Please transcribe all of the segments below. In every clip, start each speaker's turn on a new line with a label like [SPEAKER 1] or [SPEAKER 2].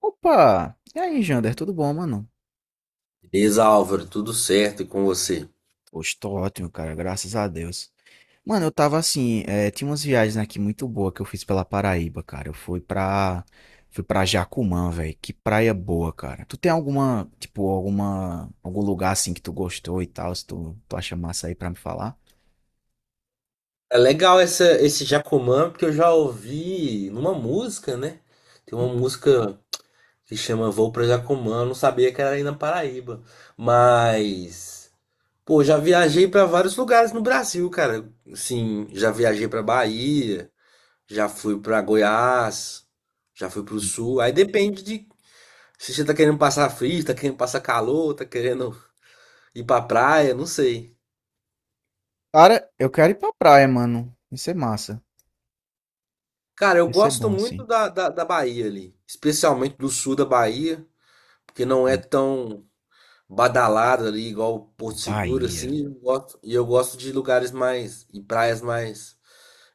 [SPEAKER 1] Opa! E aí, Jander, tudo bom, mano?
[SPEAKER 2] Beleza, Álvaro, tudo certo e com você?
[SPEAKER 1] Poxa, tô ótimo, cara, graças a Deus. Mano, eu tava assim, tinha umas viagens aqui muito boas que eu fiz pela Paraíba, cara. Fui pra Jacumã, velho. Que praia boa, cara. Tu tem alguma, tipo, algum lugar assim que tu gostou e tal, se tu acha massa aí pra me falar?
[SPEAKER 2] É legal esse Jacomã, porque eu já ouvi numa música, né? Tem uma
[SPEAKER 1] Hum.
[SPEAKER 2] música que chama Vou pra Jacomã, eu não sabia que era aí na Paraíba. Mas, pô, já viajei pra vários lugares no Brasil, cara. Assim, já viajei pra Bahia, já fui pra Goiás, já fui pro
[SPEAKER 1] Uhum.
[SPEAKER 2] Sul. Aí depende de se você tá querendo passar frio, tá querendo passar calor, tá querendo ir pra praia, não sei.
[SPEAKER 1] Cara, eu quero ir pra praia, mano. Isso é massa.
[SPEAKER 2] Cara, eu
[SPEAKER 1] Isso é
[SPEAKER 2] gosto
[SPEAKER 1] bom, assim.
[SPEAKER 2] muito da Bahia ali, especialmente do sul da Bahia, porque não é
[SPEAKER 1] Hum,
[SPEAKER 2] tão badalado ali, igual Porto Seguro,
[SPEAKER 1] Bahia.
[SPEAKER 2] assim. E eu gosto de lugares mais, e praias mais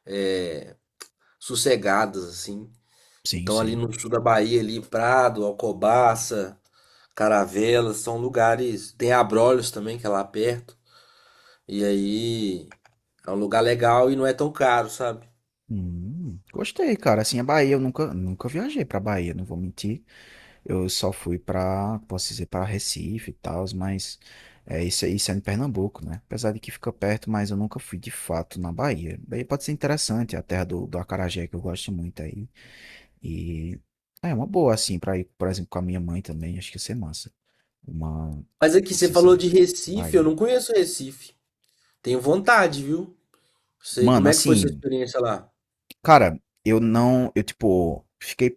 [SPEAKER 2] é, sossegadas, assim.
[SPEAKER 1] Sim,
[SPEAKER 2] Então, ali
[SPEAKER 1] sim.
[SPEAKER 2] no sul da Bahia, ali, Prado, Alcobaça, Caravelas, são lugares. Tem Abrolhos também, que é lá perto. E aí, é um lugar legal e não é tão caro, sabe?
[SPEAKER 1] Gostei, cara. Assim, a Bahia, eu nunca viajei pra Bahia, não vou mentir. Eu só fui pra, posso dizer, pra Recife e tal, mas é, isso, isso é em Pernambuco, né? Apesar de que fica perto, mas eu nunca fui de fato na Bahia. Daí pode ser interessante, é a terra do acarajé que eu gosto muito aí. E é uma boa, assim, pra ir, por exemplo, com a minha mãe também, acho que ia ser massa. Uma,
[SPEAKER 2] Mas aqui,
[SPEAKER 1] posso
[SPEAKER 2] você falou
[SPEAKER 1] dizer,
[SPEAKER 2] de Recife, eu
[SPEAKER 1] Bahia.
[SPEAKER 2] não conheço Recife. Tenho vontade, viu? Sei. Como
[SPEAKER 1] Mano,
[SPEAKER 2] é que foi sua
[SPEAKER 1] assim,
[SPEAKER 2] experiência lá?
[SPEAKER 1] cara, eu não, eu tipo, fiquei,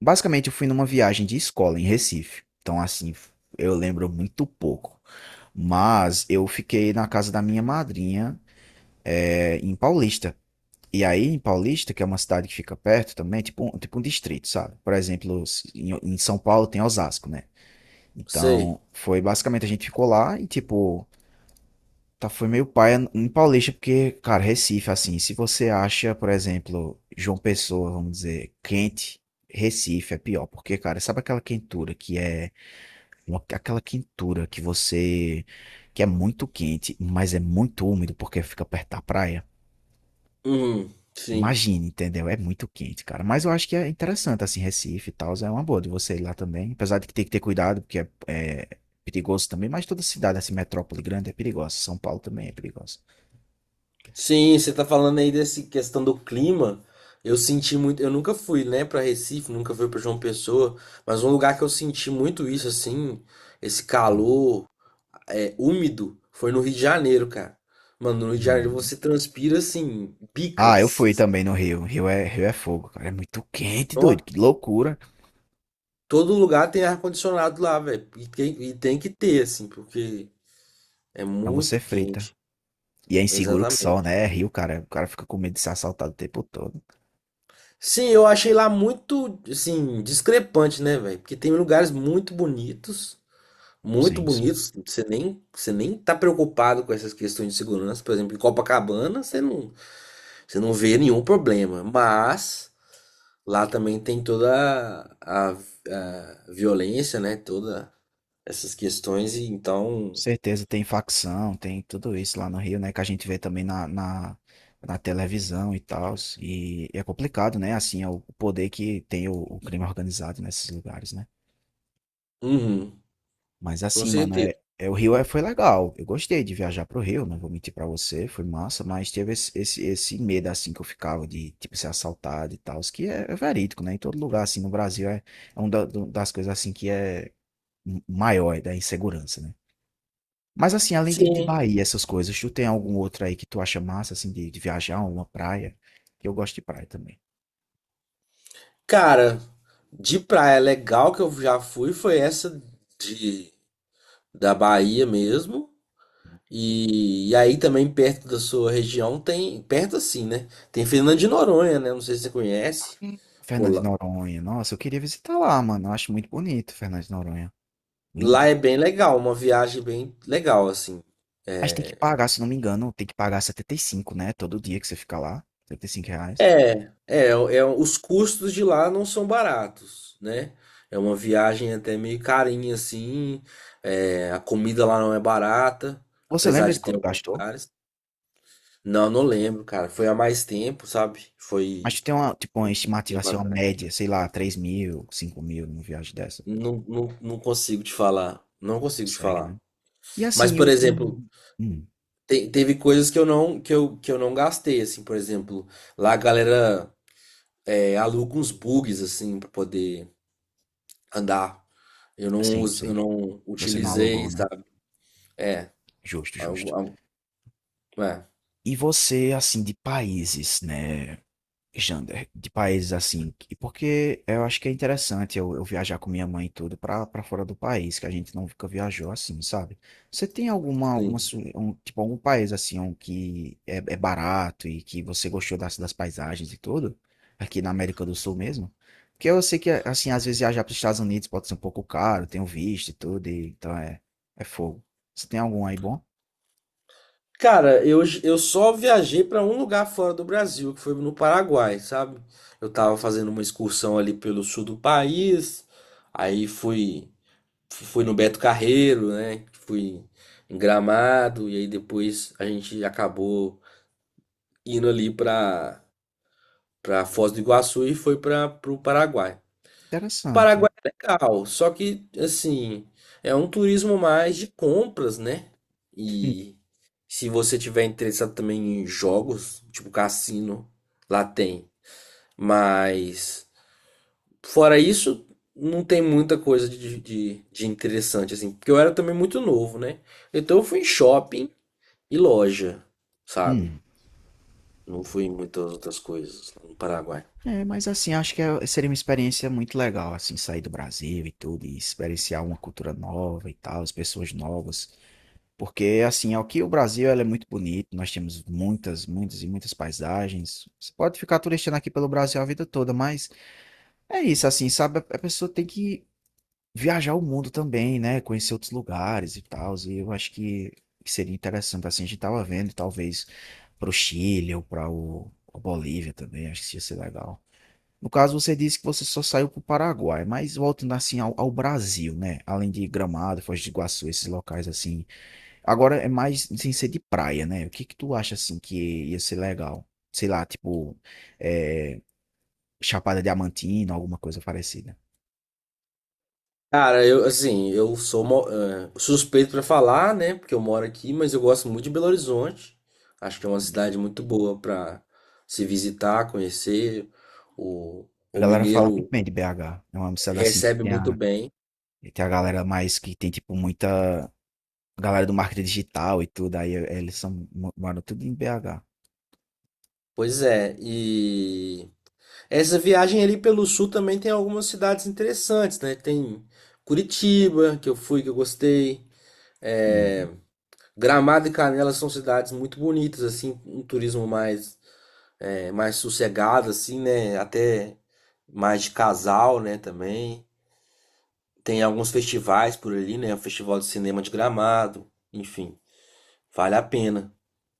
[SPEAKER 1] basicamente eu fui numa viagem de escola em Recife. Então assim, eu lembro muito pouco. Mas eu fiquei na casa da minha madrinha, é, em Paulista. E aí em Paulista, que é uma cidade que fica perto também, tipo, tipo um distrito, sabe? Por exemplo, em São Paulo tem Osasco, né?
[SPEAKER 2] Sei.
[SPEAKER 1] Então, foi basicamente a gente ficou lá e tipo, tá, foi meio paia em Paulista, porque, cara, Recife, assim, se você acha, por exemplo, João Pessoa, vamos dizer, quente, Recife é pior, porque, cara, sabe aquela quentura que é aquela quentura que você, que é muito quente, mas é muito úmido porque fica perto da praia?
[SPEAKER 2] Uhum, sim.
[SPEAKER 1] Imagine, entendeu? É muito quente, cara. Mas eu acho que é interessante, assim, Recife e tal, é uma boa de você ir lá também, apesar de que tem que ter cuidado, porque é perigoso também, mas toda cidade, assim, metrópole grande é perigosa, São Paulo também é perigosa.
[SPEAKER 2] Sim, você tá falando aí dessa questão do clima. Eu senti muito. Eu nunca fui, né, pra Recife, nunca fui pra João Pessoa, mas um lugar que eu senti muito isso, assim, esse calor úmido, foi no Rio de Janeiro, cara. Mano, no Rio de Janeiro
[SPEAKER 1] Hum.
[SPEAKER 2] você transpira, assim,
[SPEAKER 1] Ah, eu
[SPEAKER 2] bicas.
[SPEAKER 1] fui
[SPEAKER 2] Assim,
[SPEAKER 1] também no Rio. Rio é fogo, cara. É muito quente, doido.
[SPEAKER 2] ó.
[SPEAKER 1] Que loucura.
[SPEAKER 2] Todo lugar tem ar-condicionado lá, velho. E tem que ter, assim, porque é
[SPEAKER 1] Não, você
[SPEAKER 2] muito
[SPEAKER 1] frita.
[SPEAKER 2] quente.
[SPEAKER 1] E é inseguro que só,
[SPEAKER 2] Exatamente.
[SPEAKER 1] né? É Rio, cara. O cara fica com medo de ser assaltado o tempo todo.
[SPEAKER 2] Sim, eu achei lá muito, assim, discrepante, né, velho? Porque tem lugares muito bonitos, muito
[SPEAKER 1] Sim, sim.
[SPEAKER 2] bonitos. Você nem tá preocupado com essas questões de segurança. Por exemplo, em Copacabana, você não vê nenhum problema. Mas lá também tem toda a violência, né? Toda essas questões. E então,
[SPEAKER 1] Certeza, tem facção, tem tudo isso lá no Rio, né? Que a gente vê também na televisão e tal. E é complicado, né? Assim, é o poder que tem o crime organizado nesses lugares, né?
[SPEAKER 2] uhum,
[SPEAKER 1] Mas
[SPEAKER 2] com
[SPEAKER 1] assim, mano,
[SPEAKER 2] certeza.
[SPEAKER 1] é o foi legal. Eu gostei de viajar pro Rio, não vou mentir pra você, foi massa, mas teve esse medo assim que eu ficava de tipo ser assaltado e tal, que é, é verídico, né? Em todo lugar assim no Brasil é, é uma das coisas assim que é maior, é da insegurança, né? Mas assim, além de
[SPEAKER 2] Sim.
[SPEAKER 1] Bahia, essas coisas, tu tem algum outro aí que tu acha massa assim de viajar, uma praia? Que eu gosto de praia também.
[SPEAKER 2] Cara, de praia legal que eu já fui foi essa de da Bahia mesmo. E aí também perto da sua região tem, perto assim, né? Tem Fernando de Noronha, né? Não sei se você conhece.
[SPEAKER 1] Hum.
[SPEAKER 2] Pô,
[SPEAKER 1] Fernando de
[SPEAKER 2] lá,
[SPEAKER 1] Noronha, nossa, eu queria visitar lá, mano. Eu acho muito bonito Fernando de Noronha.
[SPEAKER 2] lá
[SPEAKER 1] Lindo.
[SPEAKER 2] é bem legal, uma viagem bem legal, assim.
[SPEAKER 1] Mas tem que
[SPEAKER 2] É,
[SPEAKER 1] pagar, se não me engano, tem que pagar 75, né? Todo dia que você fica lá, R$ 75.
[SPEAKER 2] os custos de lá não são baratos, né? É uma viagem até meio carinha, assim. É, a comida lá não é barata,
[SPEAKER 1] Você
[SPEAKER 2] apesar
[SPEAKER 1] lembra de
[SPEAKER 2] de ter
[SPEAKER 1] quanto
[SPEAKER 2] alguns
[SPEAKER 1] gastou?
[SPEAKER 2] lugares. Não, não lembro, cara. Foi há mais tempo, sabe?
[SPEAKER 1] Mas
[SPEAKER 2] Foi
[SPEAKER 1] tu tem uma, tipo, uma
[SPEAKER 2] um
[SPEAKER 1] estimativa,
[SPEAKER 2] tempo
[SPEAKER 1] assim, uma
[SPEAKER 2] atrás.
[SPEAKER 1] média, sei lá, 3.000, 5.000 numa viagem dessa.
[SPEAKER 2] Não, não, não consigo te falar. Não consigo te
[SPEAKER 1] Consegue,
[SPEAKER 2] falar.
[SPEAKER 1] né? E
[SPEAKER 2] Mas,
[SPEAKER 1] assim,
[SPEAKER 2] por
[SPEAKER 1] eu.
[SPEAKER 2] exemplo,
[SPEAKER 1] Hum,
[SPEAKER 2] teve coisas que eu não que eu não gastei, assim, por exemplo, lá a galera aluga uns bugs assim pra poder andar. Eu não
[SPEAKER 1] sim,
[SPEAKER 2] us- eu
[SPEAKER 1] sim.
[SPEAKER 2] não
[SPEAKER 1] Você não
[SPEAKER 2] utilizei,
[SPEAKER 1] alugou, né?
[SPEAKER 2] sabe? É,
[SPEAKER 1] Justo, justo.
[SPEAKER 2] algo- algo- é,
[SPEAKER 1] E você, assim, de países, né? Jander, de países assim, e porque eu acho que é interessante eu viajar com minha mãe e tudo pra fora do país, que a gente nunca viajou assim, sabe? Você tem alguma,
[SPEAKER 2] sim.
[SPEAKER 1] um, tipo, algum país assim um que é, é barato e que você gostou das, das paisagens e tudo? Aqui na América do Sul mesmo? Porque eu sei que, assim, às vezes viajar pros Estados Unidos pode ser um pouco caro, tem o visto e tudo, e, então é, é fogo. Você tem algum aí bom?
[SPEAKER 2] Cara, eu só viajei pra um lugar fora do Brasil, que foi no Paraguai, sabe? Eu tava fazendo uma excursão ali pelo sul do país, aí fui no Beto Carreiro, né? Fui em Gramado e aí depois a gente acabou indo ali para Foz do Iguaçu e foi para o Paraguai. O
[SPEAKER 1] Interessante.
[SPEAKER 2] Paraguai é legal, só que assim, é um turismo mais de compras, né?
[SPEAKER 1] Hum,
[SPEAKER 2] E se você tiver interessado também em jogos, tipo cassino, lá tem. Mas fora isso, não tem muita coisa de interessante, assim. Porque eu era também muito novo, né? Então eu fui em shopping e loja, sabe?
[SPEAKER 1] hum.
[SPEAKER 2] Não fui em muitas outras coisas no Paraguai.
[SPEAKER 1] É, mas assim, acho que seria uma experiência muito legal, assim, sair do Brasil e tudo, e experienciar uma cultura nova e tal, as pessoas novas. Porque, assim, aqui o Brasil, ela é muito bonito, nós temos muitas, muitas e muitas paisagens. Você pode ficar turistando aqui pelo Brasil a vida toda, mas é isso, assim, sabe? A pessoa tem que viajar o mundo também, né? Conhecer outros lugares e tal, e eu acho que seria interessante, assim, a gente tava vendo, talvez, pro Chile ou pra a Bolívia também, acho que isso ia ser legal. No caso, você disse que você só saiu para o Paraguai, mas voltando assim ao Brasil, né? Além de Gramado, Foz do Iguaçu, esses locais assim. Agora é mais sem ser de praia, né? O que que tu acha assim que ia ser legal? Sei lá, tipo é, Chapada Diamantina, alguma coisa parecida.
[SPEAKER 2] Cara, eu, assim, eu sou suspeito pra falar, né? Porque eu moro aqui, mas eu gosto muito de Belo Horizonte. Acho que é uma cidade muito boa pra se visitar, conhecer. O,
[SPEAKER 1] A
[SPEAKER 2] o
[SPEAKER 1] galera fala muito
[SPEAKER 2] mineiro
[SPEAKER 1] bem de BH. É uma cidade assim que
[SPEAKER 2] recebe
[SPEAKER 1] tem
[SPEAKER 2] muito
[SPEAKER 1] a,
[SPEAKER 2] bem.
[SPEAKER 1] tem a galera mais que tem tipo muita galera do marketing digital e tudo. Aí eles são, moram tudo em BH.
[SPEAKER 2] Pois é. Essa viagem ali pelo sul também tem algumas cidades interessantes, né? Tem Curitiba, que eu fui, que eu gostei. É, Gramado e Canela são cidades muito bonitas, assim, um turismo mais, mais sossegado, assim, né? Até mais de casal, né? Também tem alguns festivais por ali, né? O Festival de Cinema de Gramado, enfim, vale a pena,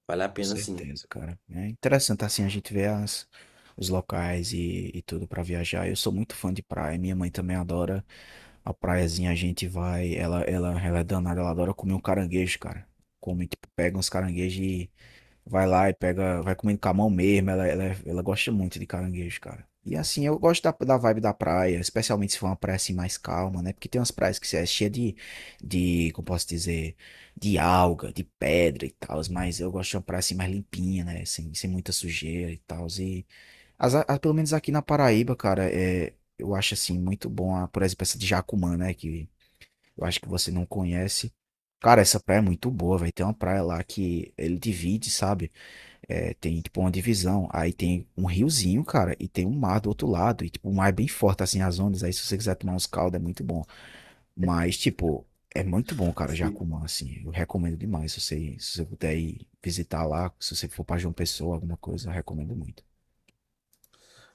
[SPEAKER 2] vale a pena sim.
[SPEAKER 1] Certeza, cara. É interessante assim a gente ver as, os locais e tudo pra viajar. Eu sou muito fã de praia, minha mãe também adora a praiazinha, a gente vai, ela é danada, ela adora comer um caranguejo, cara. Come, tipo, pega uns caranguejos, vai lá e pega, vai comendo com a mão mesmo. Ela gosta muito de caranguejo, cara. E assim, eu gosto da vibe da praia, especialmente se for uma praia assim mais calma, né? Porque tem umas praias que é cheia de, como posso dizer, de alga, de pedra e tal, mas eu gosto de uma praia assim mais limpinha, né? Sem muita sujeira e tal. E pelo menos aqui na Paraíba, cara, é, eu acho assim muito bom, a, por exemplo, essa de Jacumã, né? Que eu acho que você não conhece. Cara, essa praia é muito boa, vai. Tem uma praia lá que ele divide, sabe? É, tem, tipo, uma divisão. Aí tem um riozinho, cara, e tem um mar do outro lado. E, tipo, o mar é bem forte, assim, as ondas. Aí, se você quiser tomar uns caldos, é muito bom. Mas, tipo, é muito bom, cara, Jacumã, assim. Eu recomendo demais. Se você puder ir visitar lá, se você for pra João Pessoa, alguma coisa, eu recomendo muito.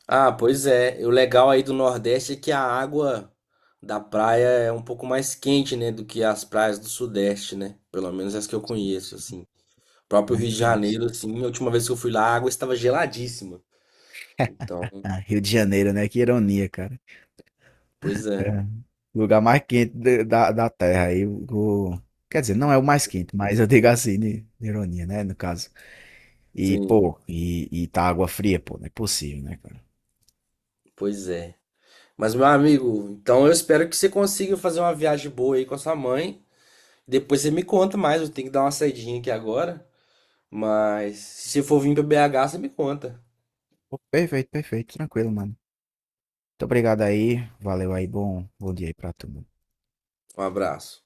[SPEAKER 2] Ah, pois é. E o legal aí do Nordeste é que a água da praia é um pouco mais quente, né, do que as praias do Sudeste, né? Pelo menos as que eu conheço,
[SPEAKER 1] Sim,
[SPEAKER 2] assim. O próprio Rio
[SPEAKER 1] muito
[SPEAKER 2] de
[SPEAKER 1] mais.
[SPEAKER 2] Janeiro, assim, a última vez que eu fui lá, a água estava geladíssima. Então,
[SPEAKER 1] Ah, Rio de Janeiro, né? Que ironia, cara.
[SPEAKER 2] pois é.
[SPEAKER 1] É. Lugar mais quente da, da da Terra. Aí, o- quer dizer, não é o mais quente, mas eu digo assim, de- ironia, né? No caso. E,
[SPEAKER 2] Sim,
[SPEAKER 1] pô, e tá água fria, pô, não é possível, né, cara?
[SPEAKER 2] pois é. Mas, meu amigo, então eu espero que você consiga fazer uma viagem boa aí com a sua mãe. Depois você me conta mais, eu tenho que dar uma saidinha aqui agora. Mas se você for vir para BH, você me conta.
[SPEAKER 1] Pô, perfeito, perfeito, tranquilo, mano. Muito obrigado aí, valeu aí, bom dia aí pra tu, mano.
[SPEAKER 2] Um abraço.